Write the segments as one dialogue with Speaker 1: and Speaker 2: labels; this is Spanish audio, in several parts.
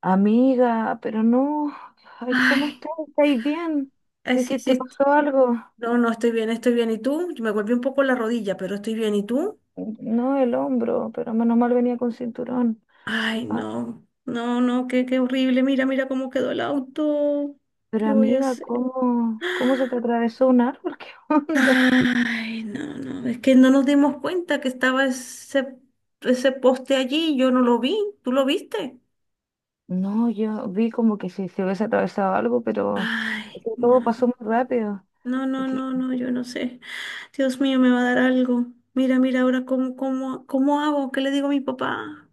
Speaker 1: Amiga, pero no, ay, ¿cómo
Speaker 2: Ay,
Speaker 1: estás? ¿Estáis bien?
Speaker 2: ay,
Speaker 1: ¿Qué,
Speaker 2: sí,
Speaker 1: qué te
Speaker 2: sí.
Speaker 1: pasó algo?
Speaker 2: No, no, estoy bien, estoy bien. ¿Y tú? Me golpeé un poco la rodilla, pero estoy bien. ¿Y tú?
Speaker 1: No, el hombro, pero menos mal venía con cinturón.
Speaker 2: Ay,
Speaker 1: Ah,
Speaker 2: no, no, no, qué, qué horrible. Mira, mira cómo quedó el auto.
Speaker 1: pero
Speaker 2: ¿Qué voy a
Speaker 1: amiga,
Speaker 2: hacer?
Speaker 1: ¿cómo, cómo se te atravesó un árbol? ¿Qué onda?
Speaker 2: Ay, no, no, es que no nos dimos cuenta que estaba ese poste allí. Yo no lo vi. ¿Tú lo viste?
Speaker 1: No, yo vi como que si se hubiese atravesado algo, pero es
Speaker 2: Ay,
Speaker 1: que todo
Speaker 2: no.
Speaker 1: pasó muy rápido.
Speaker 2: No,
Speaker 1: Y
Speaker 2: no,
Speaker 1: que,
Speaker 2: no, no, yo no sé. Dios mío, me va a dar algo. Mira, mira, ahora cómo, cómo, cómo hago, ¿qué le digo a mi papá?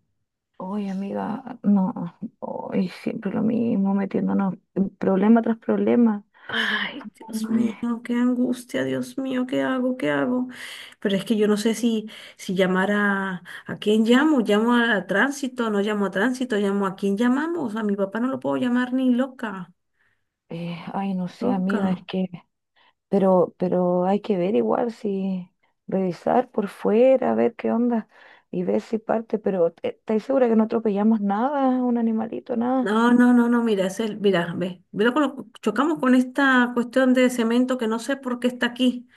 Speaker 1: oye, amiga, no, hoy siempre lo mismo, metiéndonos en problema tras problema.
Speaker 2: Ay, Dios
Speaker 1: Ay,
Speaker 2: mío, qué angustia, Dios mío, ¿qué hago? ¿Qué hago? Pero es que yo no sé si llamar a quién llamo, llamo a tránsito, no llamo a tránsito, llamo a quién llamamos, a mi papá no lo puedo llamar ni loca,
Speaker 1: ay, no sé, amiga, es
Speaker 2: loca.
Speaker 1: que Pero hay que ver igual si revisar por fuera, ver qué onda y ver si parte. Pero ¿estáis segura que no atropellamos nada, un animalito, nada?
Speaker 2: No, no, no, no, mira, es el, mira, ve, mira con chocamos con esta cuestión de cemento que no sé por qué está aquí.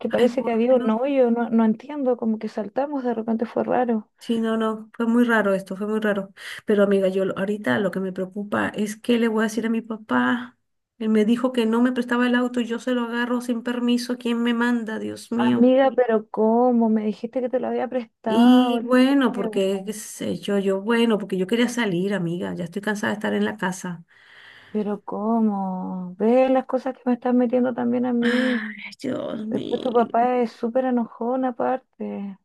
Speaker 1: Que
Speaker 2: Ay,
Speaker 1: parece que
Speaker 2: por
Speaker 1: había un
Speaker 2: Dios.
Speaker 1: hoyo, no, no entiendo, como que saltamos, de repente fue raro.
Speaker 2: Sí, no, no, fue muy raro esto, fue muy raro. Pero amiga, ahorita lo que me preocupa es que le voy a decir a mi papá. Él me dijo que no me prestaba el auto y yo se lo agarro sin permiso. ¿Quién me manda? Dios mío.
Speaker 1: Amiga, pero ¿cómo? Me dijiste que te lo había prestado
Speaker 2: Y
Speaker 1: el
Speaker 2: bueno, porque,
Speaker 1: juego.
Speaker 2: qué sé yo, yo, bueno, porque yo quería salir, amiga. Ya estoy cansada de estar en la casa.
Speaker 1: Pero ¿cómo? Ve las cosas que me estás metiendo también a mí.
Speaker 2: Ay, Dios
Speaker 1: Después tu
Speaker 2: mío.
Speaker 1: papá es súper enojón aparte.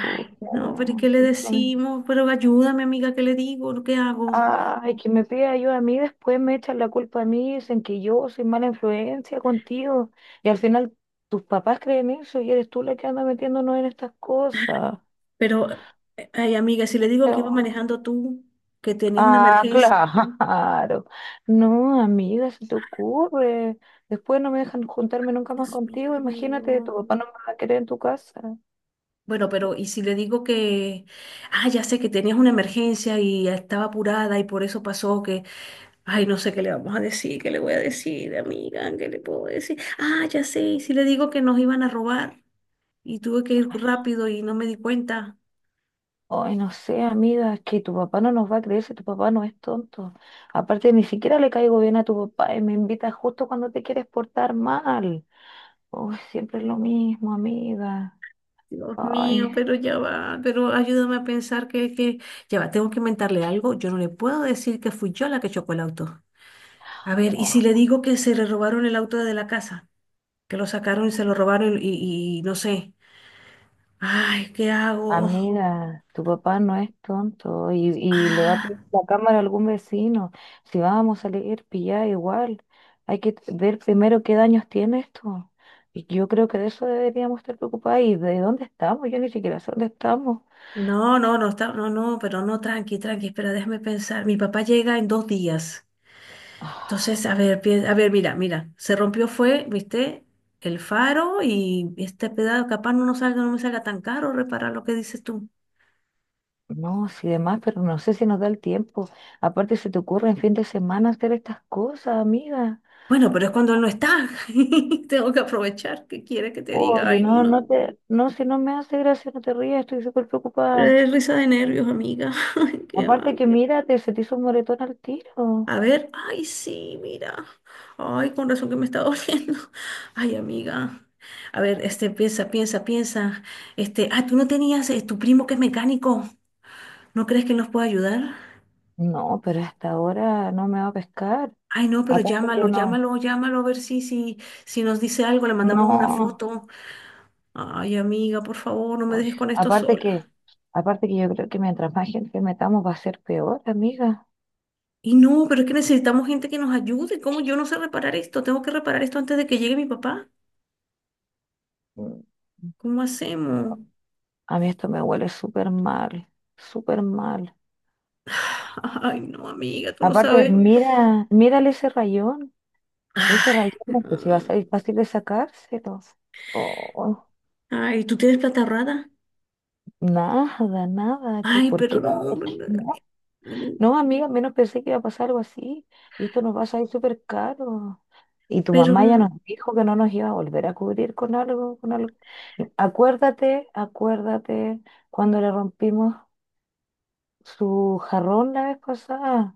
Speaker 1: Puta,
Speaker 2: no, pero ¿y
Speaker 1: no,
Speaker 2: qué le
Speaker 1: sí, no.
Speaker 2: decimos? Pero ayúdame, amiga, ¿qué le digo? ¿Qué hago?
Speaker 1: Ay, que me pide ayuda a mí, después me echan la culpa a mí, dicen que yo soy mala influencia contigo. Y al final tus papás creen eso y eres tú la que anda metiéndonos en estas cosas.
Speaker 2: Pero, ay, amiga, si le digo que iba
Speaker 1: Pero-
Speaker 2: manejando tú, que tenías una
Speaker 1: Ah,
Speaker 2: emergencia,
Speaker 1: claro. No, amiga, se te ocurre. Después no me dejan juntarme nunca más
Speaker 2: Dios mío,
Speaker 1: contigo.
Speaker 2: ¿qué le
Speaker 1: Imagínate,
Speaker 2: digo?
Speaker 1: tu papá no me va a querer en tu casa.
Speaker 2: Bueno, pero ¿y si le digo que, ah, ya sé que tenías una emergencia y estaba apurada y por eso pasó que, ay, no sé qué le vamos a decir, qué le voy a decir, amiga, qué le puedo decir? Ah, ya sé, ¿y si le digo que nos iban a robar y tuve que ir rápido y no me di cuenta?
Speaker 1: Ay, no sé, amiga, es que tu papá no nos va a creer si tu papá no es tonto. Aparte, ni siquiera le caigo bien a tu papá y me invita justo cuando te quieres portar mal. Uy, siempre es lo mismo, amiga.
Speaker 2: Dios mío,
Speaker 1: Ay,
Speaker 2: pero ya va, pero ayúdame a pensar ya va, tengo que inventarle algo, yo no le puedo decir que fui yo la que chocó el auto. A ver, ¿y si le
Speaker 1: oh,
Speaker 2: digo que se le robaron el auto de la casa? Que lo sacaron y se lo robaron y no sé. Ay, ¿qué hago?
Speaker 1: amiga, tu papá no es tonto y le va a
Speaker 2: Ah,
Speaker 1: pedir la cámara a algún vecino. Si vamos a salir pillada igual, hay que ver primero qué daños tiene esto. Y yo creo que de eso deberíamos estar preocupados y de dónde estamos. Yo ni siquiera sé dónde estamos.
Speaker 2: no, no, no está, no, no, pero no, tranqui, tranqui, espera, déjame pensar. Mi papá llega en dos días. Entonces,
Speaker 1: Ah.
Speaker 2: a ver, a ver, mira, mira, se rompió fue, viste, el faro y este pedazo, capaz no nos salga, no me salga tan caro reparar lo que dices tú.
Speaker 1: No, sí, demás, pero no sé si nos da el tiempo. Aparte, se te ocurre en fin de semana hacer estas cosas, amiga.
Speaker 2: Bueno, pero es cuando él no está. Tengo que aprovechar. ¿Qué quiere que te diga?
Speaker 1: Oye,
Speaker 2: Ay,
Speaker 1: no,
Speaker 2: no.
Speaker 1: no, si no me hace gracia, no te rías, estoy súper preocupada.
Speaker 2: Risa de nervios, amiga. Ay, ¿qué
Speaker 1: Aparte que
Speaker 2: hago?
Speaker 1: mírate, se te hizo un moretón al tiro.
Speaker 2: A ver, ay, sí, mira. Ay, con razón que me está doliendo. Ay, amiga. A ver, este, piensa, piensa, piensa. Este, ah, tú no tenías tu primo que es mecánico. ¿No crees que nos puede ayudar?
Speaker 1: No, pero hasta ahora no me va a pescar.
Speaker 2: Ay, no, pero
Speaker 1: Aparte
Speaker 2: llámalo,
Speaker 1: que no,
Speaker 2: llámalo, llámalo, a ver si nos dice algo, le mandamos una
Speaker 1: no.
Speaker 2: foto. Ay, amiga, por favor, no me
Speaker 1: Uy,
Speaker 2: dejes con esto sola.
Speaker 1: Aparte que yo creo que mientras más gente metamos va a ser peor, amiga.
Speaker 2: Y no, pero es que necesitamos gente que nos ayude. ¿Cómo yo no sé reparar esto? Tengo que reparar esto antes de que llegue mi papá.
Speaker 1: Mm,
Speaker 2: ¿Cómo hacemos?
Speaker 1: A mí esto me huele súper mal, súper mal.
Speaker 2: Ay, no, amiga, tú no
Speaker 1: Aparte,
Speaker 2: sabes.
Speaker 1: mira, mírale ese rayón. Ese
Speaker 2: Ay,
Speaker 1: rayón, pues si va a
Speaker 2: no.
Speaker 1: ser fácil de sacárselo. Oh,
Speaker 2: Ay, ¿tú tienes plata ahorrada?
Speaker 1: nada, nada. ¿Qué,
Speaker 2: Ay,
Speaker 1: por
Speaker 2: pero
Speaker 1: qué?
Speaker 2: no,
Speaker 1: No, no, amiga, menos pensé que iba a pasar algo así. Y esto nos va a salir súper caro. Y tu
Speaker 2: pero
Speaker 1: mamá ya
Speaker 2: no.
Speaker 1: nos dijo que no nos iba a volver a cubrir con algo, con algo. Y acuérdate, acuérdate cuando le rompimos su jarrón la vez pasada.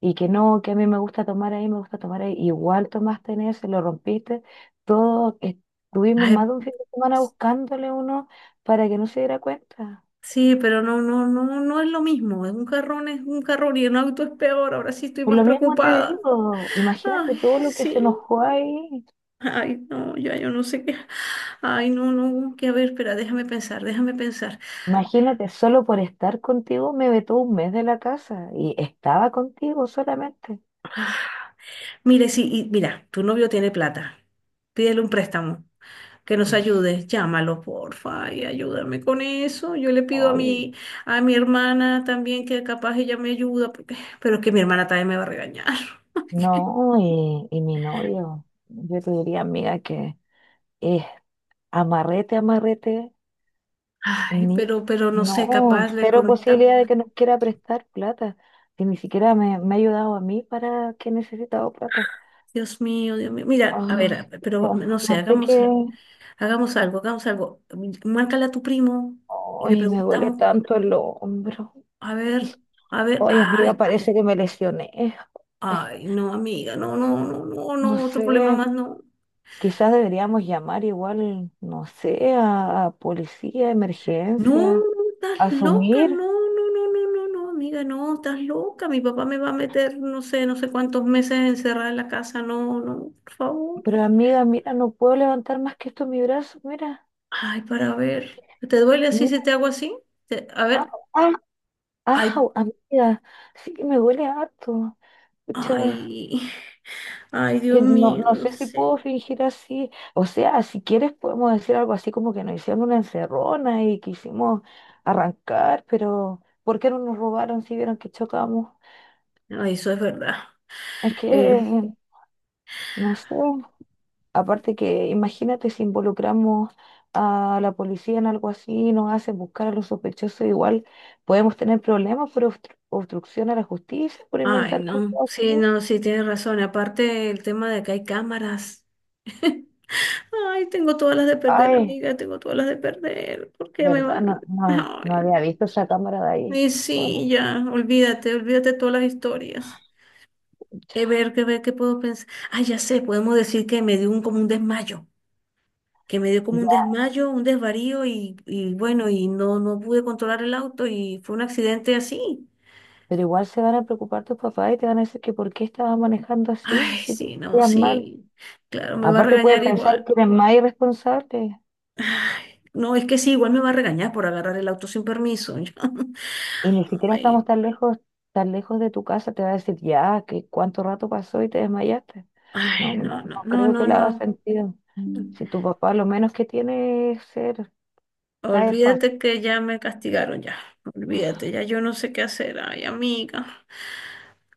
Speaker 1: Y que no, que a mí me gusta tomar ahí, me gusta tomar ahí. Igual tomaste en ese, lo rompiste. Todo estuvimos
Speaker 2: Ay,
Speaker 1: más de un fin de semana buscándole uno para que no se diera cuenta.
Speaker 2: sí, pero no, no, no, no es lo mismo. Es un carrón y un auto es peor. Ahora sí estoy
Speaker 1: Por
Speaker 2: más
Speaker 1: lo mismo te
Speaker 2: preocupada.
Speaker 1: digo, imagínate
Speaker 2: Ay,
Speaker 1: todo lo que se
Speaker 2: sí.
Speaker 1: enojó ahí.
Speaker 2: Ay, no, ya yo no sé qué. Ay, no, no, que a ver, espera, déjame pensar, déjame pensar.
Speaker 1: Imagínate, solo por estar contigo me vetó un mes de la casa y estaba contigo solamente.
Speaker 2: Mire, sí, y mira, tu novio tiene plata. Pídele un préstamo. Que nos ayudes, llámalo, porfa, y ayúdame con eso. Yo le pido a
Speaker 1: Oye,
Speaker 2: a mi hermana también que capaz ella me ayuda, porque, pero es que mi hermana también me va a regañar.
Speaker 1: no, y mi novio, yo te diría, amiga, que es amarrete, amarrete.
Speaker 2: Ay,
Speaker 1: Ni-
Speaker 2: pero no sé,
Speaker 1: no,
Speaker 2: capaz le
Speaker 1: cero
Speaker 2: contamos.
Speaker 1: posibilidad de que nos quiera prestar plata. Si ni siquiera me ha ayudado a mí para que he necesitado plata.
Speaker 2: Dios mío, Dios mío. Mira, a ver,
Speaker 1: Ah,
Speaker 2: pero
Speaker 1: no,
Speaker 2: no sé,
Speaker 1: no sé qué.
Speaker 2: hagamos algo, hagamos algo. Márcale a tu primo y le
Speaker 1: Ay, me duele
Speaker 2: preguntamos,
Speaker 1: tanto el hombro.
Speaker 2: a ver, a ver,
Speaker 1: Ay, amiga,
Speaker 2: ay,
Speaker 1: parece que me lesioné. Ay,
Speaker 2: ay, no, amiga, no, no, no, no,
Speaker 1: no
Speaker 2: no, otro problema
Speaker 1: sé.
Speaker 2: más, no.
Speaker 1: Quizás deberíamos llamar igual, no sé, a policía,
Speaker 2: No,
Speaker 1: emergencia,
Speaker 2: estás loca, no,
Speaker 1: asumir.
Speaker 2: no, no, no, no, no, amiga, no, estás loca. Mi papá me va a meter, no sé, no sé cuántos meses encerrada en la casa, no, no, por favor.
Speaker 1: Pero amiga, mira, no puedo levantar más que esto en mi brazo. Mira,
Speaker 2: Ay, para ver, ¿te duele así si
Speaker 1: mira.
Speaker 2: te hago así? A
Speaker 1: Ah,
Speaker 2: ver,
Speaker 1: ah,
Speaker 2: ay,
Speaker 1: Ah, amiga, sí que me duele harto. Pucha,
Speaker 2: ay, ay,
Speaker 1: que
Speaker 2: Dios
Speaker 1: no,
Speaker 2: mío,
Speaker 1: no
Speaker 2: no
Speaker 1: sé si puedo
Speaker 2: sé.
Speaker 1: fingir así. O sea, si quieres podemos decir algo así como que nos hicieron una encerrona y quisimos arrancar, pero ¿por qué no nos robaron si vieron que chocamos?
Speaker 2: Ay, eso es verdad.
Speaker 1: Es que,
Speaker 2: Eh,
Speaker 1: no sé, aparte que imagínate si involucramos a la policía en algo así, y nos hacen buscar a los sospechosos igual, podemos tener problemas por obstrucción a la justicia, por
Speaker 2: Ay,
Speaker 1: inventar cosas
Speaker 2: no, sí,
Speaker 1: así.
Speaker 2: no, sí, tienes razón. Aparte, el tema de que hay cámaras. Ay, tengo todas las de perder,
Speaker 1: Ay.
Speaker 2: amiga, tengo todas las de perder. ¿Por qué me
Speaker 1: ¿Verdad?
Speaker 2: van?
Speaker 1: No, no, no había
Speaker 2: Ay,
Speaker 1: visto esa cámara de ahí.
Speaker 2: y
Speaker 1: Bueno,
Speaker 2: sí, ya, olvídate, olvídate de todas las historias. Ver, que ver, qué puedo pensar. Ah, ya sé, podemos decir que me dio un, como un desmayo, que me dio como un
Speaker 1: ya,
Speaker 2: desmayo, un desvarío y bueno, y no, no pude controlar el auto y fue un accidente así.
Speaker 1: pero igual se van a preocupar tus papás y te van a decir que por qué estabas manejando así,
Speaker 2: Ay,
Speaker 1: si te
Speaker 2: sí, no,
Speaker 1: sentías mal.
Speaker 2: sí, claro, me va a
Speaker 1: Aparte pueden
Speaker 2: regañar
Speaker 1: pensar
Speaker 2: igual.
Speaker 1: que eres más irresponsable
Speaker 2: No, es que sí, igual me va a regañar por agarrar el auto sin permiso.
Speaker 1: y ni siquiera
Speaker 2: Ay,
Speaker 1: estamos tan lejos de tu casa, te va a decir ya, que cuánto rato pasó y te desmayaste. No,
Speaker 2: ay,
Speaker 1: no,
Speaker 2: no, no,
Speaker 1: no
Speaker 2: no,
Speaker 1: creo que
Speaker 2: no,
Speaker 1: le haga
Speaker 2: no.
Speaker 1: sentido. Si tu papá lo menos que tiene es ser caer fácil.
Speaker 2: Olvídate que ya me castigaron ya. Olvídate, ya yo no sé qué hacer. Ay, amiga.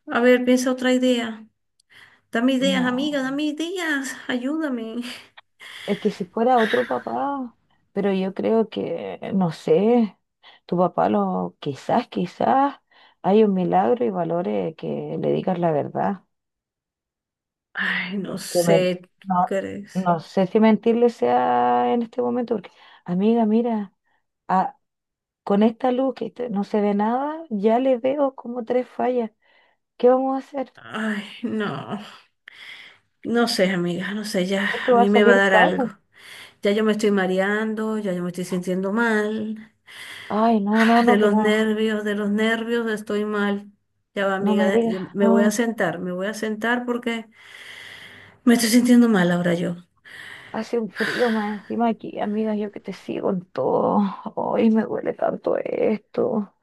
Speaker 2: A ver, piensa otra idea. Dame ideas, amiga,
Speaker 1: No.
Speaker 2: dame ideas. Ayúdame.
Speaker 1: Es que si fuera otro papá, pero yo creo que, no sé, tu papá lo, quizás, quizás hay un milagro y valore que le digas la verdad.
Speaker 2: Ay, no
Speaker 1: Que men-
Speaker 2: sé, ¿tú
Speaker 1: no,
Speaker 2: crees?
Speaker 1: no sé si mentirle sea en este momento, porque, amiga, mira, a- con esta luz no se ve nada, ya le veo como tres fallas. ¿Qué vamos a hacer?
Speaker 2: Ay, no. No sé, amiga, no sé, ya
Speaker 1: Esto
Speaker 2: a
Speaker 1: va a
Speaker 2: mí me va a
Speaker 1: salir
Speaker 2: dar algo.
Speaker 1: caro.
Speaker 2: Ya yo me estoy mareando, ya yo me estoy sintiendo mal.
Speaker 1: Ay, no, no, no, que no,
Speaker 2: De los nervios estoy mal. Ya va,
Speaker 1: no
Speaker 2: amiga,
Speaker 1: me digas,
Speaker 2: me voy a
Speaker 1: no.
Speaker 2: sentar, me voy a sentar porque me estoy sintiendo mal ahora yo.
Speaker 1: Hace un frío más encima aquí, amiga, yo que te sigo en todo. Hoy me duele tanto esto.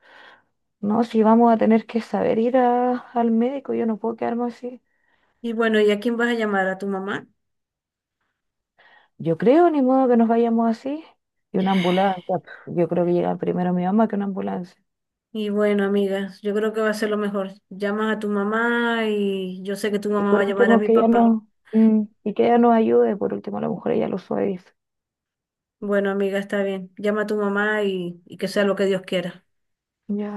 Speaker 1: No, si vamos a tener que saber ir al médico, yo no puedo quedarme así.
Speaker 2: Y bueno, ¿y a quién vas a llamar? ¿A tu mamá?
Speaker 1: Yo creo, ni modo que nos vayamos así. Y una ambulancia, pf, yo creo que llega primero mi mamá que una ambulancia.
Speaker 2: Y bueno, amigas, yo creo que va a ser lo mejor. Llamas a tu mamá y yo sé que tu
Speaker 1: Y
Speaker 2: mamá va a
Speaker 1: por
Speaker 2: llamar a
Speaker 1: último,
Speaker 2: mi
Speaker 1: que ella
Speaker 2: papá.
Speaker 1: no, mm, y que ella nos ayude, por último, a lo mejor ella lo suaviza.
Speaker 2: Bueno, amiga, está bien. Llama a tu mamá y que sea lo que Dios quiera.
Speaker 1: Ya.